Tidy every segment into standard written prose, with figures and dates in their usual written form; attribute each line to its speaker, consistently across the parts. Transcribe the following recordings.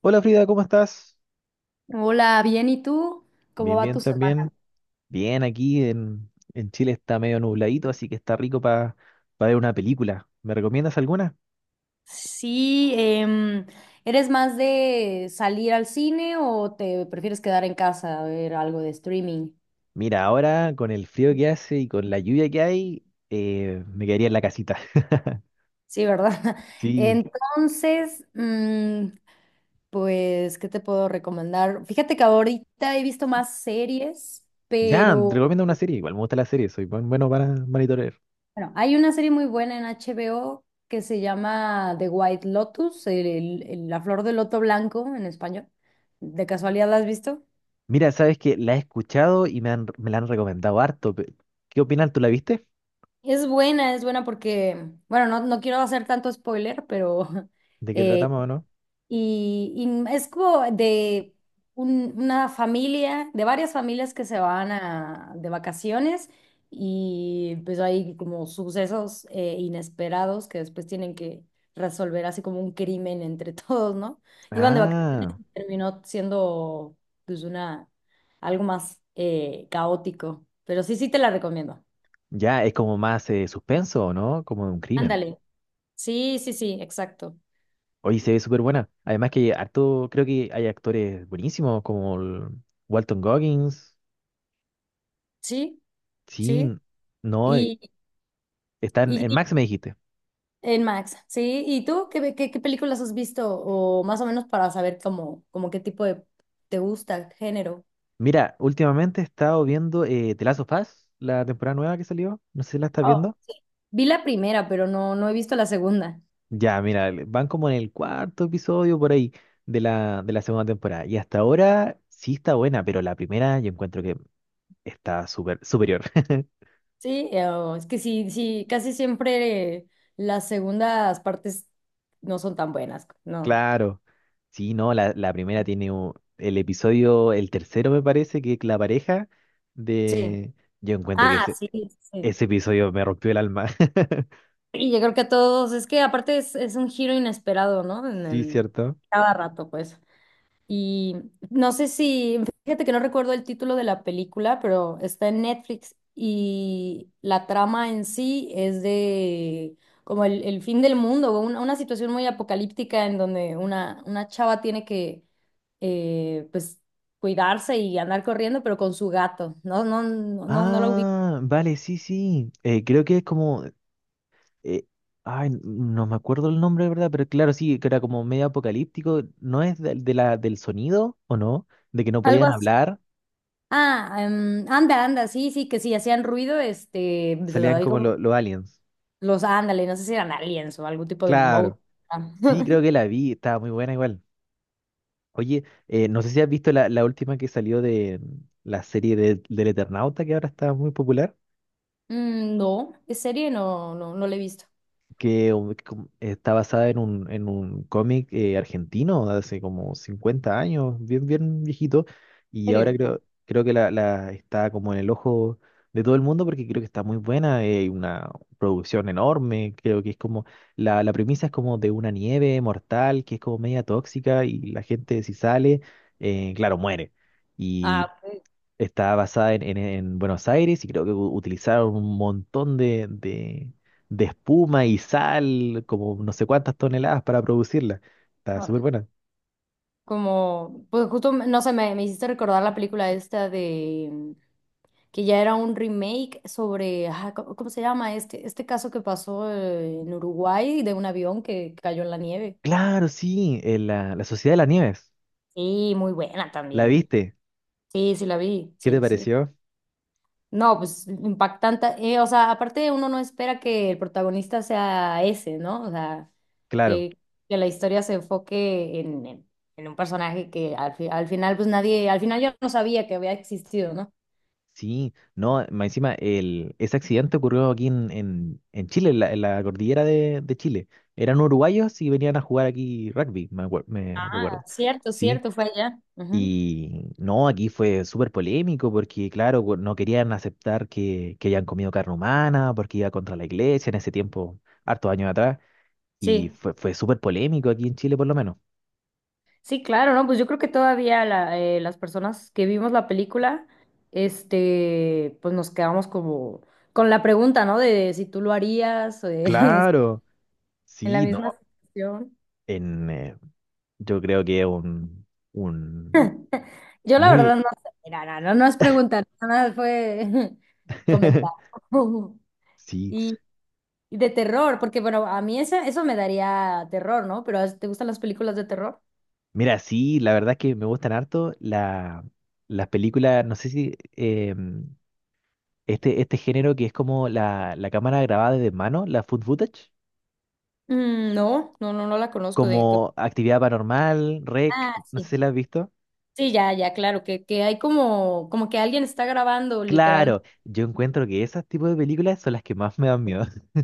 Speaker 1: Hola Frida, ¿cómo estás?
Speaker 2: Hola, bien, ¿y tú? ¿Cómo
Speaker 1: Bien,
Speaker 2: va
Speaker 1: bien
Speaker 2: tu semana?
Speaker 1: también. Bien, aquí en Chile está medio nubladito, así que está rico para ver una película. ¿Me recomiendas alguna?
Speaker 2: Sí, ¿eres más de salir al cine o te prefieres quedar en casa a ver algo de streaming?
Speaker 1: Mira, ahora con el frío que hace y con la lluvia que hay, me quedaría en la casita.
Speaker 2: Sí, ¿verdad?
Speaker 1: Sí,
Speaker 2: Entonces, pues, ¿qué te puedo recomendar? Fíjate que ahorita he visto más series,
Speaker 1: ya, te
Speaker 2: pero
Speaker 1: recomiendo una serie. Igual me gusta la serie, soy bueno para monitorear.
Speaker 2: bueno, hay una serie muy buena en HBO que se llama The White Lotus, la flor del loto blanco en español. ¿De casualidad la has visto?
Speaker 1: Mira, sabes que la he escuchado y me la han recomendado harto. ¿Qué opinas? ¿Tú la viste?
Speaker 2: Es buena porque, bueno, no, no quiero hacer tanto spoiler, pero
Speaker 1: ¿De qué
Speaker 2: eh,
Speaker 1: tratamos o no?
Speaker 2: y, y es como de una familia, de varias familias que se van a, de vacaciones y pues hay como sucesos inesperados que después tienen que resolver así como un crimen entre todos, ¿no? Iban de vacaciones,
Speaker 1: Ah,
Speaker 2: terminó siendo pues una, algo más caótico, pero sí, sí te la recomiendo.
Speaker 1: ya, es como más suspenso, ¿no? Como de un crimen.
Speaker 2: Ándale. Sí, sí, sí, exacto.
Speaker 1: Oye, se ve súper buena. Además que harto, creo que hay actores buenísimos como el Walton Goggins.
Speaker 2: Sí,
Speaker 1: Sí,
Speaker 2: sí.
Speaker 1: no,
Speaker 2: Y,
Speaker 1: está
Speaker 2: y-
Speaker 1: en
Speaker 2: y
Speaker 1: Max me dijiste.
Speaker 2: en Max, sí. ¿Y tú qué, qué, qué películas has visto? O más o menos para saber cómo, como qué tipo de te gusta, género.
Speaker 1: Mira, últimamente he estado viendo The Last of Us, la temporada nueva que salió. No sé si la estás
Speaker 2: Oh,
Speaker 1: viendo.
Speaker 2: vi la primera, pero no, no he visto la segunda.
Speaker 1: Ya, mira, van como en el cuarto episodio por ahí de de la segunda temporada. Y hasta ahora sí está buena, pero la primera yo encuentro que está super, superior.
Speaker 2: Sí, oh, es que sí, sí, casi siempre las segundas partes no son tan buenas, no.
Speaker 1: Claro. Sí, no, la primera tiene el episodio, el tercero me parece, que es la pareja
Speaker 2: Sí.
Speaker 1: de... Yo encuentro que
Speaker 2: Ah, sí, sí. Sí.
Speaker 1: ese episodio me rompió el alma.
Speaker 2: Y yo creo que a todos, es que aparte es un giro inesperado, ¿no?
Speaker 1: Sí,
Speaker 2: En
Speaker 1: cierto.
Speaker 2: cada rato, pues. Y no sé si, fíjate que no recuerdo el título de la película, pero está en Netflix y la trama en sí es de como el fin del mundo, o una situación muy apocalíptica en donde una chava tiene que pues cuidarse y andar corriendo, pero con su gato. No, no, no, no, no lo ubico.
Speaker 1: Ah, vale, sí, sí. Creo que es como... eh, ay, no me acuerdo el nombre, ¿verdad? Pero claro, sí, que era como medio apocalíptico. ¿No es de, del sonido o no? De que no
Speaker 2: Algo
Speaker 1: podían
Speaker 2: así.
Speaker 1: hablar,
Speaker 2: Ah, anda, anda, sí, sí, que sí, hacían ruido, este, pues,
Speaker 1: salían
Speaker 2: ahí
Speaker 1: como
Speaker 2: como
Speaker 1: los aliens.
Speaker 2: los ándale, no sé si eran aliens o algún tipo de
Speaker 1: Claro.
Speaker 2: monstruo.
Speaker 1: Sí, creo que la vi, estaba muy buena igual. Oye, no sé si has visto la última que salió de la serie del Eternauta, que ahora está muy popular,
Speaker 2: No, de serie no, no, no la he visto.
Speaker 1: que está basada en un cómic argentino de hace como 50 años, bien, bien viejito, y
Speaker 2: ¿En
Speaker 1: ahora
Speaker 2: serio? No.
Speaker 1: creo que la está como en el ojo de todo el mundo porque creo que está muy buena, una producción enorme, creo que es como, la premisa es como de una nieve mortal que es como media tóxica y la gente si sale, claro, muere. Y
Speaker 2: Ah, pues,
Speaker 1: está basada en, en Buenos Aires y creo que utilizaron un montón de, de espuma y sal, como no sé cuántas toneladas para producirla. Está
Speaker 2: bueno.
Speaker 1: súper buena.
Speaker 2: Como, pues justo, no sé, me hiciste recordar la película esta de, que ya era un remake sobre, ah, ¿cómo, cómo se llama? Este caso que pasó en Uruguay de un avión que cayó en la nieve.
Speaker 1: Claro, sí, la, la Sociedad de las Nieves.
Speaker 2: Sí, muy buena
Speaker 1: ¿La
Speaker 2: también.
Speaker 1: viste?
Speaker 2: Sí, sí la vi,
Speaker 1: ¿Qué te
Speaker 2: sí, sí.
Speaker 1: pareció?
Speaker 2: No, pues impactante. O sea, aparte uno no espera que el protagonista sea ese, ¿no? O sea,
Speaker 1: Claro,
Speaker 2: que, que la historia se enfoque en un personaje que al, al final, pues nadie, al final yo no sabía que había existido, ¿no?
Speaker 1: sí. No, más encima, el, ese accidente ocurrió aquí en, en Chile, en la cordillera de Chile. Eran uruguayos y venían a jugar aquí rugby, me, me
Speaker 2: Ah,
Speaker 1: recuerdo.
Speaker 2: cierto,
Speaker 1: Sí,
Speaker 2: cierto, fue allá. Ujú.
Speaker 1: y no, aquí fue súper polémico porque, claro, no querían aceptar que hayan comido carne humana porque iba contra la iglesia en ese tiempo, hartos años atrás. Y
Speaker 2: Sí,
Speaker 1: fue súper polémico aquí en Chile, por lo menos.
Speaker 2: sí, claro, ¿no? Pues yo creo que todavía la, las personas que vimos la película, este, pues nos quedamos como con la pregunta, ¿no? De, si tú lo harías, o de-
Speaker 1: Claro,
Speaker 2: en la
Speaker 1: sí, no,
Speaker 2: misma situación.
Speaker 1: en, yo creo que es un
Speaker 2: Yo la verdad
Speaker 1: muy...
Speaker 2: no sé, mira, no, no, no es preguntar, nada más fue comentar.
Speaker 1: Sí,
Speaker 2: Y, y de terror, porque bueno, a mí eso me daría terror, ¿no? Pero ¿te gustan las películas de terror?
Speaker 1: mira, sí, la verdad es que me gustan harto las películas, no sé si este género que es como la cámara grabada de mano, la food footage.
Speaker 2: No, no, no, no la conozco de qué-
Speaker 1: Como Actividad Paranormal, REC,
Speaker 2: Ah,
Speaker 1: no sé
Speaker 2: sí.
Speaker 1: si la has visto.
Speaker 2: Sí, ya, ya, claro, que hay como, como que alguien está grabando, literalmente.
Speaker 1: Claro, yo encuentro que esos tipos de películas son las que más me dan miedo.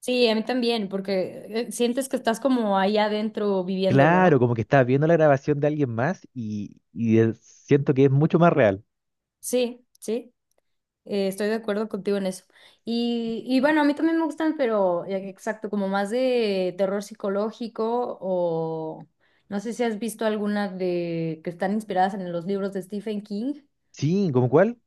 Speaker 2: Sí, a mí también, porque sientes que estás como ahí adentro viviéndolo,
Speaker 1: Claro,
Speaker 2: ¿no?
Speaker 1: como que estás viendo la grabación de alguien más y, siento que es mucho más real.
Speaker 2: Sí, sí. Estoy de acuerdo contigo en eso. Y bueno, a mí también me gustan, pero exacto, como más de terror psicológico o no sé si has visto alguna de que están inspiradas en los libros de Stephen King.
Speaker 1: Sí, ¿como cuál?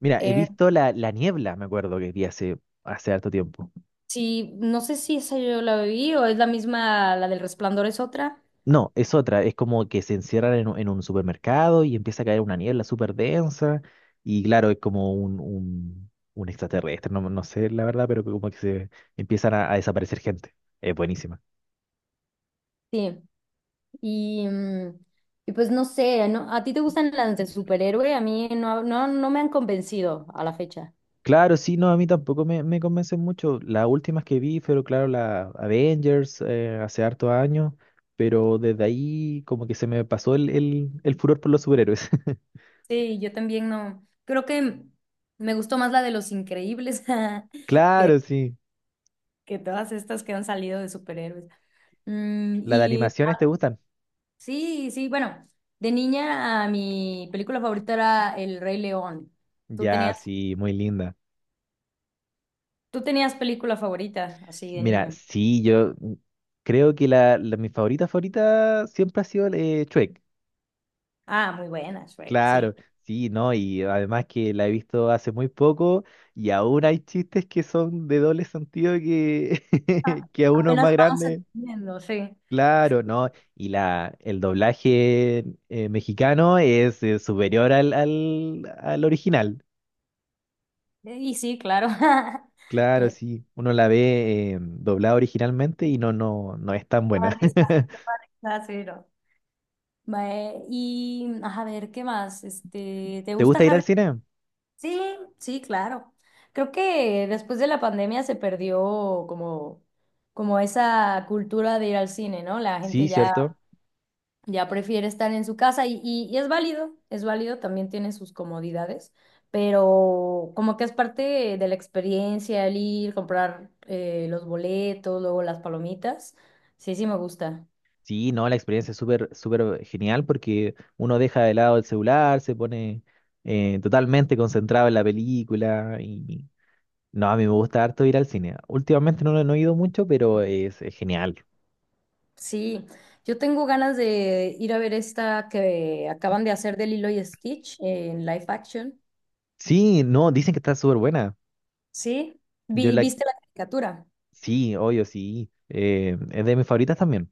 Speaker 1: Mira, he
Speaker 2: Eh,
Speaker 1: visto La, La Niebla, me acuerdo que vi hace, hace harto tiempo.
Speaker 2: sí, no sé si esa yo la vi o es la misma, la del Resplandor es otra.
Speaker 1: No, es otra, es como que se encierran en un supermercado y empieza a caer una niebla súper densa y claro, es como un extraterrestre, no, no sé la verdad, pero como que se empiezan a desaparecer gente. Es buenísima.
Speaker 2: Sí. Y, y pues no sé, ¿no? ¿A ti te gustan las de superhéroe? A mí no, no, no me han convencido a la fecha.
Speaker 1: Claro, sí, no, a mí tampoco me, me convencen mucho. Las últimas que vi fueron, claro, la Avengers hace hartos años, pero desde ahí como que se me pasó el furor por los superhéroes.
Speaker 2: Sí, yo también no. Creo que me gustó más la de Los Increíbles que,
Speaker 1: Claro, sí.
Speaker 2: que todas estas que han salido de superhéroes.
Speaker 1: ¿Las de
Speaker 2: Y
Speaker 1: animaciones te gustan?
Speaker 2: sí, sí, bueno, de niña a mi película favorita era El Rey León. ¿Tú
Speaker 1: Ya,
Speaker 2: tenías,
Speaker 1: sí, muy linda.
Speaker 2: tú tenías película favorita así de
Speaker 1: Mira,
Speaker 2: niño?
Speaker 1: sí, yo creo que mi favorita favorita siempre ha sido Shrek.
Speaker 2: Ah, muy buena, Shrek, sí.
Speaker 1: Claro, sí, ¿no? Y además que la he visto hace muy poco y aún hay chistes que son de doble sentido que, que a uno
Speaker 2: Apenas
Speaker 1: más
Speaker 2: vamos
Speaker 1: grande.
Speaker 2: entendiendo, sí. Eh,
Speaker 1: Claro, ¿no? Y la, el doblaje mexicano es superior al original.
Speaker 2: Y sí, claro.
Speaker 1: Claro,
Speaker 2: Eh,
Speaker 1: sí, uno la ve doblada originalmente y no, no, no es tan
Speaker 2: Da
Speaker 1: buena.
Speaker 2: risa, da risa, sí, ¿no? Mae, y a ver, ¿qué más? Este, ¿te
Speaker 1: ¿Te
Speaker 2: gusta
Speaker 1: gusta ir al
Speaker 2: Harry?
Speaker 1: cine?
Speaker 2: Sí, sí, claro. Creo que después de la pandemia se perdió como, como esa cultura de ir al cine, ¿no? La
Speaker 1: Sí,
Speaker 2: gente ya,
Speaker 1: cierto.
Speaker 2: ya prefiere estar en su casa y es válido, también tiene sus comodidades, pero como que es parte de la experiencia el ir, comprar los boletos, luego las palomitas. Sí, sí me gusta.
Speaker 1: Sí, no, la experiencia es súper, súper genial porque uno deja de lado el celular, se pone totalmente concentrado en la película y no, a mí me gusta harto ir al cine. Últimamente no, no he ido mucho, pero es genial.
Speaker 2: Sí, yo tengo ganas de ir a ver esta que acaban de hacer de Lilo y Stitch en live action.
Speaker 1: Sí, no, dicen que está súper buena.
Speaker 2: Sí,
Speaker 1: Yo la...
Speaker 2: ¿Viste la caricatura?
Speaker 1: Sí, obvio, sí. Es de mis favoritas también.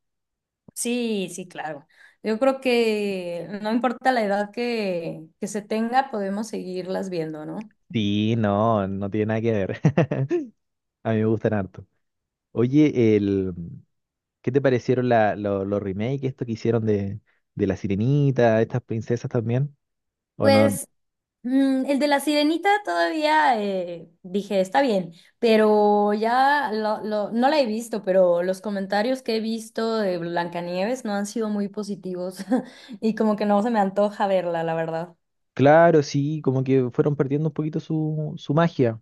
Speaker 2: Sí, sí, claro. Yo creo que no importa la edad que se tenga, podemos seguirlas viendo, ¿no?
Speaker 1: Sí, no, no tiene nada que ver. A mí me gustan harto. Oye, el... ¿qué te parecieron los remakes, esto que hicieron de La Sirenita, estas princesas también? O no,
Speaker 2: Pues el de la sirenita todavía dije, está bien, pero ya lo, no la he visto, pero los comentarios que he visto de Blancanieves no han sido muy positivos y como que no se me antoja verla, la verdad.
Speaker 1: claro, sí, como que fueron perdiendo un poquito su, su magia.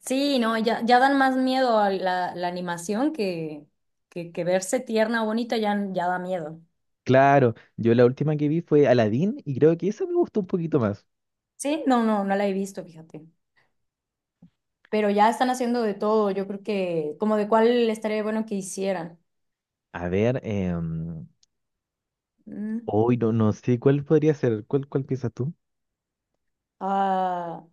Speaker 2: Sí, no, ya, ya dan más miedo a la, la animación que verse tierna o bonita ya, ya da miedo.
Speaker 1: Claro, yo la última que vi fue Aladdin y creo que esa me gustó un poquito más.
Speaker 2: Sí, no, no, no la he visto, fíjate. Pero ya están haciendo de todo, yo creo que como de cuál estaría bueno que hicieran.
Speaker 1: A ver,
Speaker 2: Mm.
Speaker 1: hoy no, no sé cuál podría ser, ¿cuál, cuál piensas tú?
Speaker 2: Ah,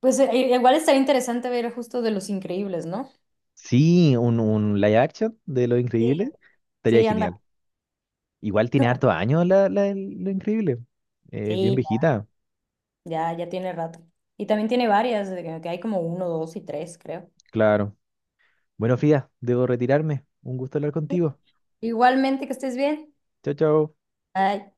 Speaker 2: pues igual estaría interesante ver justo de Los Increíbles, ¿no?
Speaker 1: Sí, un live action de Lo
Speaker 2: Sí.
Speaker 1: Increíble estaría
Speaker 2: Sí, anda.
Speaker 1: genial. Igual tiene hartos años del Lo Increíble. Bien
Speaker 2: Sí,
Speaker 1: viejita,
Speaker 2: ya, ya tiene rato. Y también tiene varias, de que hay como uno, dos y tres, creo.
Speaker 1: claro. Bueno, Frida, debo retirarme. Un gusto hablar contigo.
Speaker 2: Igualmente, que estés bien.
Speaker 1: Chao, chao.
Speaker 2: Bye.